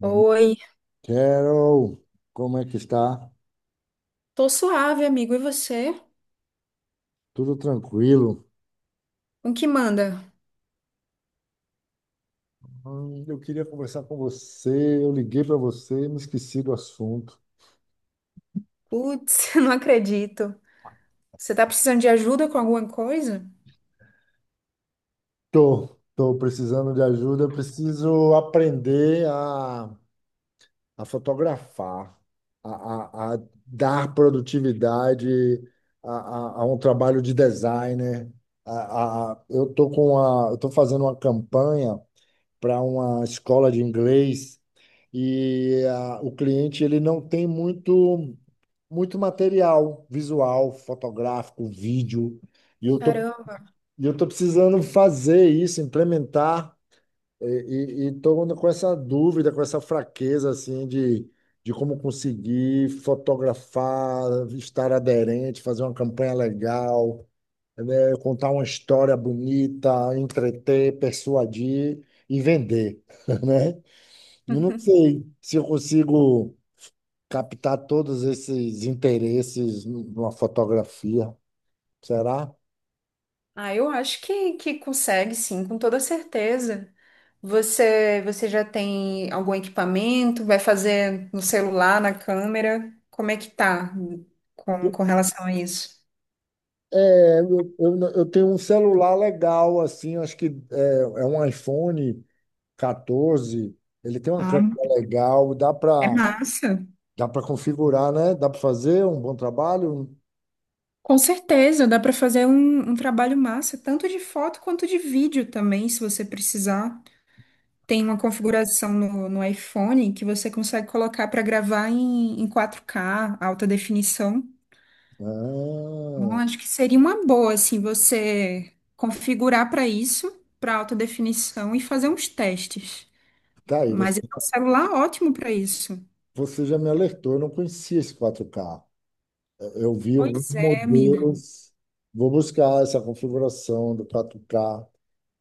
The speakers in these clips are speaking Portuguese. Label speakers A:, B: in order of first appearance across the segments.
A: Hum,
B: Oi,
A: Carol, como é que está?
B: tô suave, amigo. E você?
A: Tudo tranquilo?
B: O que manda?
A: Eu queria conversar com você. Eu liguei para você e me esqueci do assunto.
B: Putz, não acredito. Você tá precisando de ajuda com alguma coisa?
A: Tô precisando de ajuda. Eu preciso aprender a fotografar, a dar produtividade a, a um trabalho de designer. Eu tô fazendo uma campanha para uma escola de inglês e o cliente ele não tem muito muito material visual, fotográfico, vídeo, e eu tô,
B: Caramba.
A: e eu tô precisando fazer isso, implementar, e tô com essa dúvida, com essa fraqueza, assim, de como conseguir fotografar, estar aderente, fazer uma campanha legal, né, contar uma história bonita, entreter, persuadir e vender, né? Eu não sei se eu consigo captar todos esses interesses numa fotografia. Será?
B: Ah, eu acho que consegue, sim, com toda certeza. Você já tem algum equipamento? Vai fazer no celular, na câmera? Como é que tá com relação a isso?
A: É, eu, não- eu tenho um celular legal, assim, acho que é um iPhone 14. Ele tem uma câmera
B: Ah,
A: legal, dá
B: é
A: para
B: massa.
A: dá para configurar, né? Dá para fazer um bom trabalho.
B: Com certeza, dá para fazer um trabalho massa, tanto de foto quanto de vídeo também, se você precisar. Tem uma configuração no iPhone que você consegue colocar para gravar em 4K, alta definição. Então,
A: Ah,
B: acho que seria uma boa, assim, você configurar para isso, para alta definição e fazer uns testes.
A: tá aí,
B: Mas
A: você,
B: é um celular ótimo para isso.
A: você já me alertou, eu não conhecia esse 4K. Eu vi alguns
B: Pois é, amigo.
A: modelos, vou buscar essa configuração do 4K,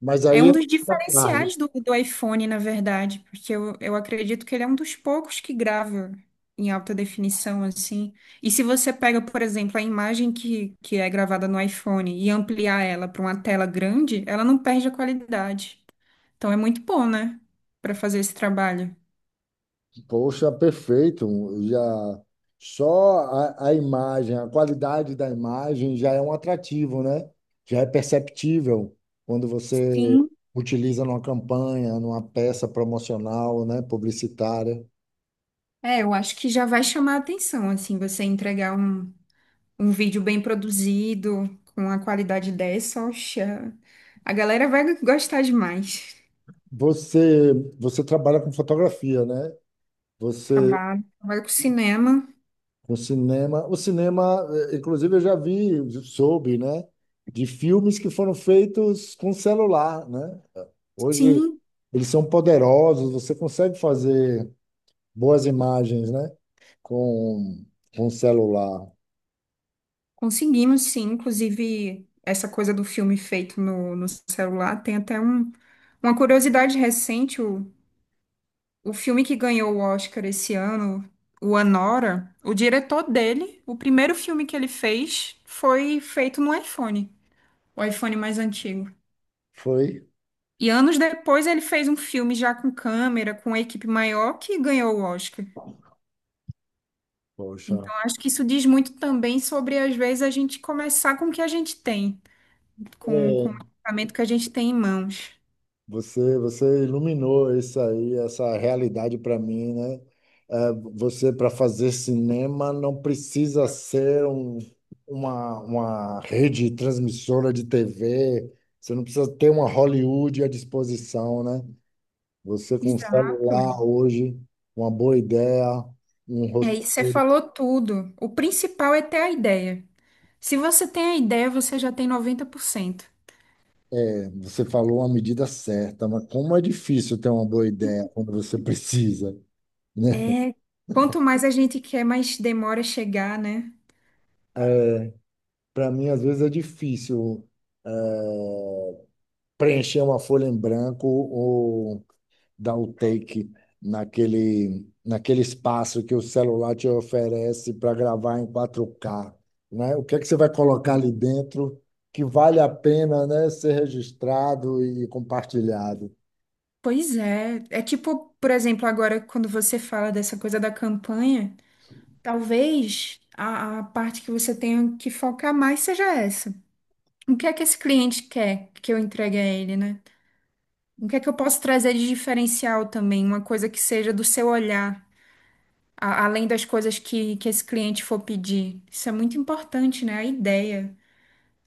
A: mas
B: É
A: aí
B: um
A: é
B: dos
A: muita carga.
B: diferenciais do iPhone, na verdade, porque eu acredito que ele é um dos poucos que grava em alta definição, assim. E se você pega, por exemplo, a imagem que é gravada no iPhone e ampliar ela para uma tela grande, ela não perde a qualidade. Então é muito bom, né, para fazer esse trabalho.
A: Poxa, perfeito, já só a imagem, a qualidade da imagem já é um atrativo, né? Já é perceptível quando você
B: Sim,
A: utiliza numa campanha, numa peça promocional, né, publicitária.
B: é, eu acho que já vai chamar a atenção, assim, você entregar um vídeo bem produzido, com uma qualidade dessa, oxa, a galera vai gostar demais.
A: Você, você trabalha com fotografia, né? Você
B: Trabalho, trabalho com cinema.
A: O cinema, inclusive eu já vi, soube, né, de filmes que foram feitos com celular, né? Hoje
B: Sim,
A: eles são poderosos, você consegue fazer boas imagens, né, com celular.
B: conseguimos, sim. Inclusive, essa coisa do filme feito no celular tem até uma curiosidade recente. O filme que ganhou o Oscar esse ano, o Anora, o diretor dele, o primeiro filme que ele fez foi feito no iPhone, o iPhone mais antigo.
A: Foi,
B: E anos depois ele fez um filme já com câmera, com uma equipe maior, que ganhou o Oscar.
A: poxa.
B: Então, acho que isso diz muito também sobre, às vezes, a gente começar com o que a gente tem, com o equipamento que a gente tem em mãos.
A: Você iluminou isso aí, essa realidade para mim, né? É, você, para fazer cinema, não precisa ser uma rede transmissora de TV, você não precisa ter uma Hollywood à disposição, né? Você com um
B: Exato.
A: celular hoje, uma boa ideia, um
B: É,
A: roteiro.
B: e você falou tudo. O principal é ter a ideia. Se você tem a ideia, você já tem 90%.
A: Você falou a medida certa, mas como é difícil ter uma boa ideia quando você precisa, né?
B: É, quanto mais a gente quer, mais demora chegar, né?
A: Para mim, às vezes, é difícil. É, preencher uma folha em branco ou dar o take naquele espaço que o celular te oferece para gravar em 4K, né? O que é que você vai colocar ali dentro que vale a pena, né, ser registrado e compartilhado?
B: Pois é. É tipo, por exemplo, agora quando você fala dessa coisa da campanha, talvez a parte que você tenha que focar mais seja essa. O que é que esse cliente quer que eu entregue a ele, né? O que é que eu posso trazer de diferencial também? Uma coisa que seja do seu olhar, além das coisas que esse cliente for pedir. Isso é muito importante, né? A ideia.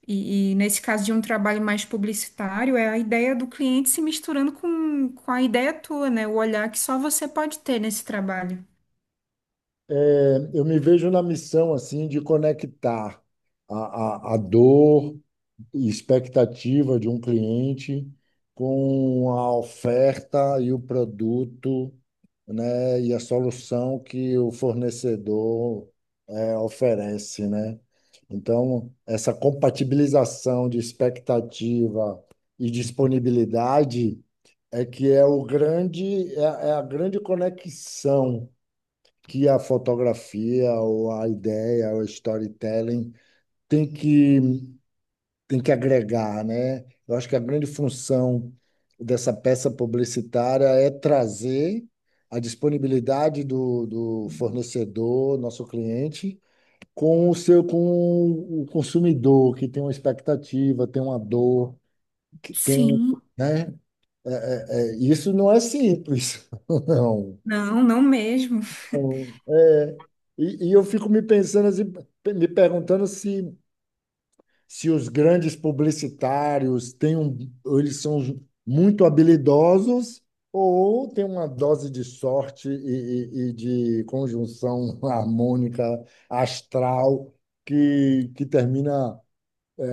B: E nesse caso de um trabalho mais publicitário, é a ideia do cliente se misturando com a ideia tua, né? O olhar que só você pode ter nesse trabalho.
A: É, eu me vejo na missão assim de conectar a dor e expectativa de um cliente com a oferta e o produto, né, e a solução que o fornecedor oferece, né? Então, essa compatibilização de expectativa e disponibilidade é que é o grande, é, a é a grande conexão que a fotografia ou a ideia ou storytelling tem que tem que agregar, né? Eu acho que a grande função dessa peça publicitária é trazer a disponibilidade do fornecedor, nosso cliente, com o seu, com o consumidor, que tem uma expectativa, tem uma dor, que tem,
B: Sim.
A: né? É, isso não é simples, não.
B: Não, não mesmo.
A: É, e eu fico me pensando assim, me perguntando se se os grandes publicitários eles são muito habilidosos ou tem uma dose de sorte e, e de conjunção harmônica astral que termina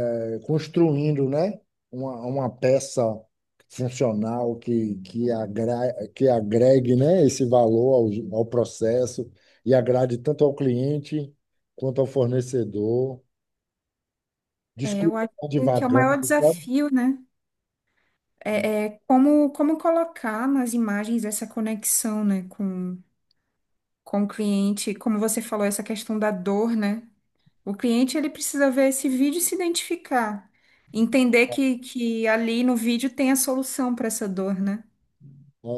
A: construindo, né, uma peça funcional que agregue, né, esse valor ao processo e agrade tanto ao cliente quanto ao fornecedor.
B: É, eu
A: Desculpa,
B: acho
A: estar
B: que é o
A: divagando.
B: maior desafio, né? É, é como, colocar nas imagens essa conexão, né, com o cliente, como você falou, essa questão da dor, né? O cliente, ele precisa ver esse vídeo e se identificar, entender que ali no vídeo tem a solução para essa dor, né?
A: É,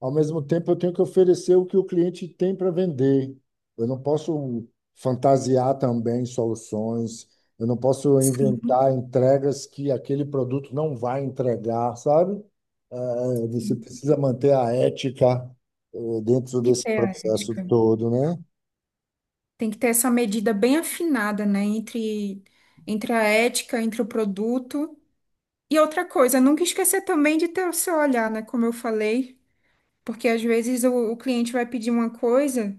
A: ao mesmo tempo, eu tenho que oferecer o que o cliente tem para vender. Eu não posso fantasiar também soluções, eu não posso
B: Sim.
A: inventar entregas que aquele produto não vai entregar, sabe? É, você precisa manter a ética, dentro
B: Tem que
A: desse
B: ter a
A: processo
B: ética.
A: todo, né?
B: Tem que ter essa medida bem afinada, né? Entre, entre a ética, entre o produto. E outra coisa, nunca esquecer também de ter o seu olhar, né? Como eu falei. Porque às vezes o cliente vai pedir uma coisa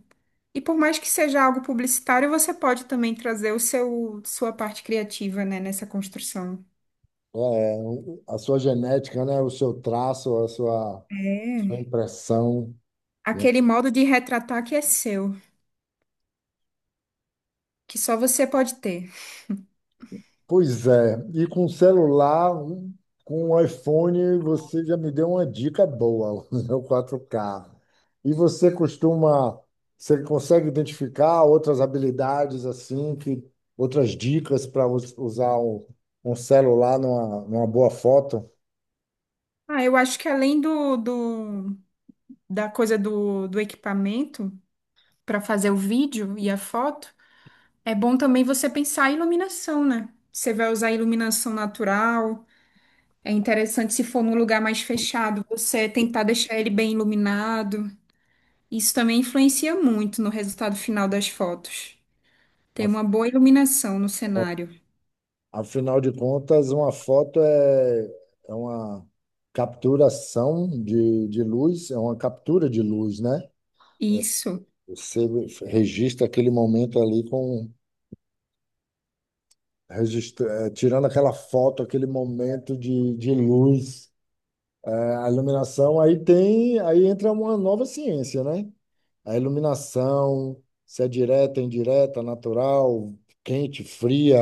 B: e por mais que seja algo publicitário, você pode também trazer o seu sua parte criativa, né, nessa construção.
A: É, a sua genética, né? O seu traço, a sua, sua
B: É.
A: impressão, né?
B: Aquele modo de retratar que é seu, que só você pode ter.
A: Pois é, e com celular, com o iPhone, você já me deu uma dica boa, o 4K. E você costuma, você consegue identificar outras habilidades assim, que outras dicas para usar um, um celular numa, numa boa foto?
B: Ah, eu acho que além do, do da coisa do equipamento para fazer o vídeo e a foto, é bom também você pensar a iluminação, né? Você vai usar iluminação natural. É interessante se for num lugar mais fechado, você tentar deixar ele bem iluminado. Isso também influencia muito no resultado final das fotos. Ter
A: Af-
B: uma boa iluminação no cenário.
A: Afinal de contas, uma foto é, é uma capturação de luz, é uma captura de luz, né?
B: Isso,
A: Você registra aquele momento ali tirando aquela foto, aquele momento de luz. A iluminação, aí tem, aí entra uma nova ciência, né? A iluminação, se é direta, indireta, natural, quente, fria,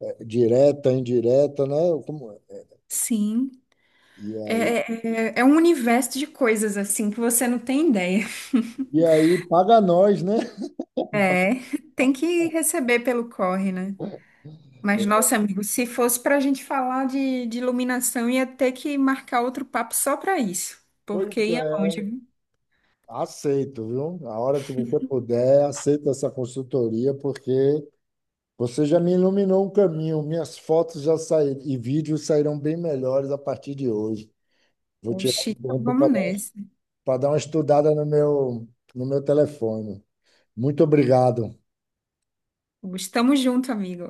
A: direta, indireta, né? Como é?
B: sim.
A: E aí,
B: É, é, é um universo de coisas assim que você não tem ideia.
A: e aí paga nós, né?
B: É, tem que receber pelo corre, né? Mas, nossa, amigo, se fosse para a gente falar de iluminação, ia ter que marcar outro papo só para isso, porque
A: Pois
B: ia
A: é,
B: longe, viu?
A: aceito, viu? A hora que você puder, aceita essa consultoria, porque você já me iluminou um caminho, minhas fotos já saíram e vídeos sairão bem melhores a partir de hoje. Vou tirar
B: Oxi,
A: um
B: então
A: tempo
B: vamos nessa.
A: para dar uma estudada no meu telefone. Muito obrigado.
B: Estamos junto, amigo.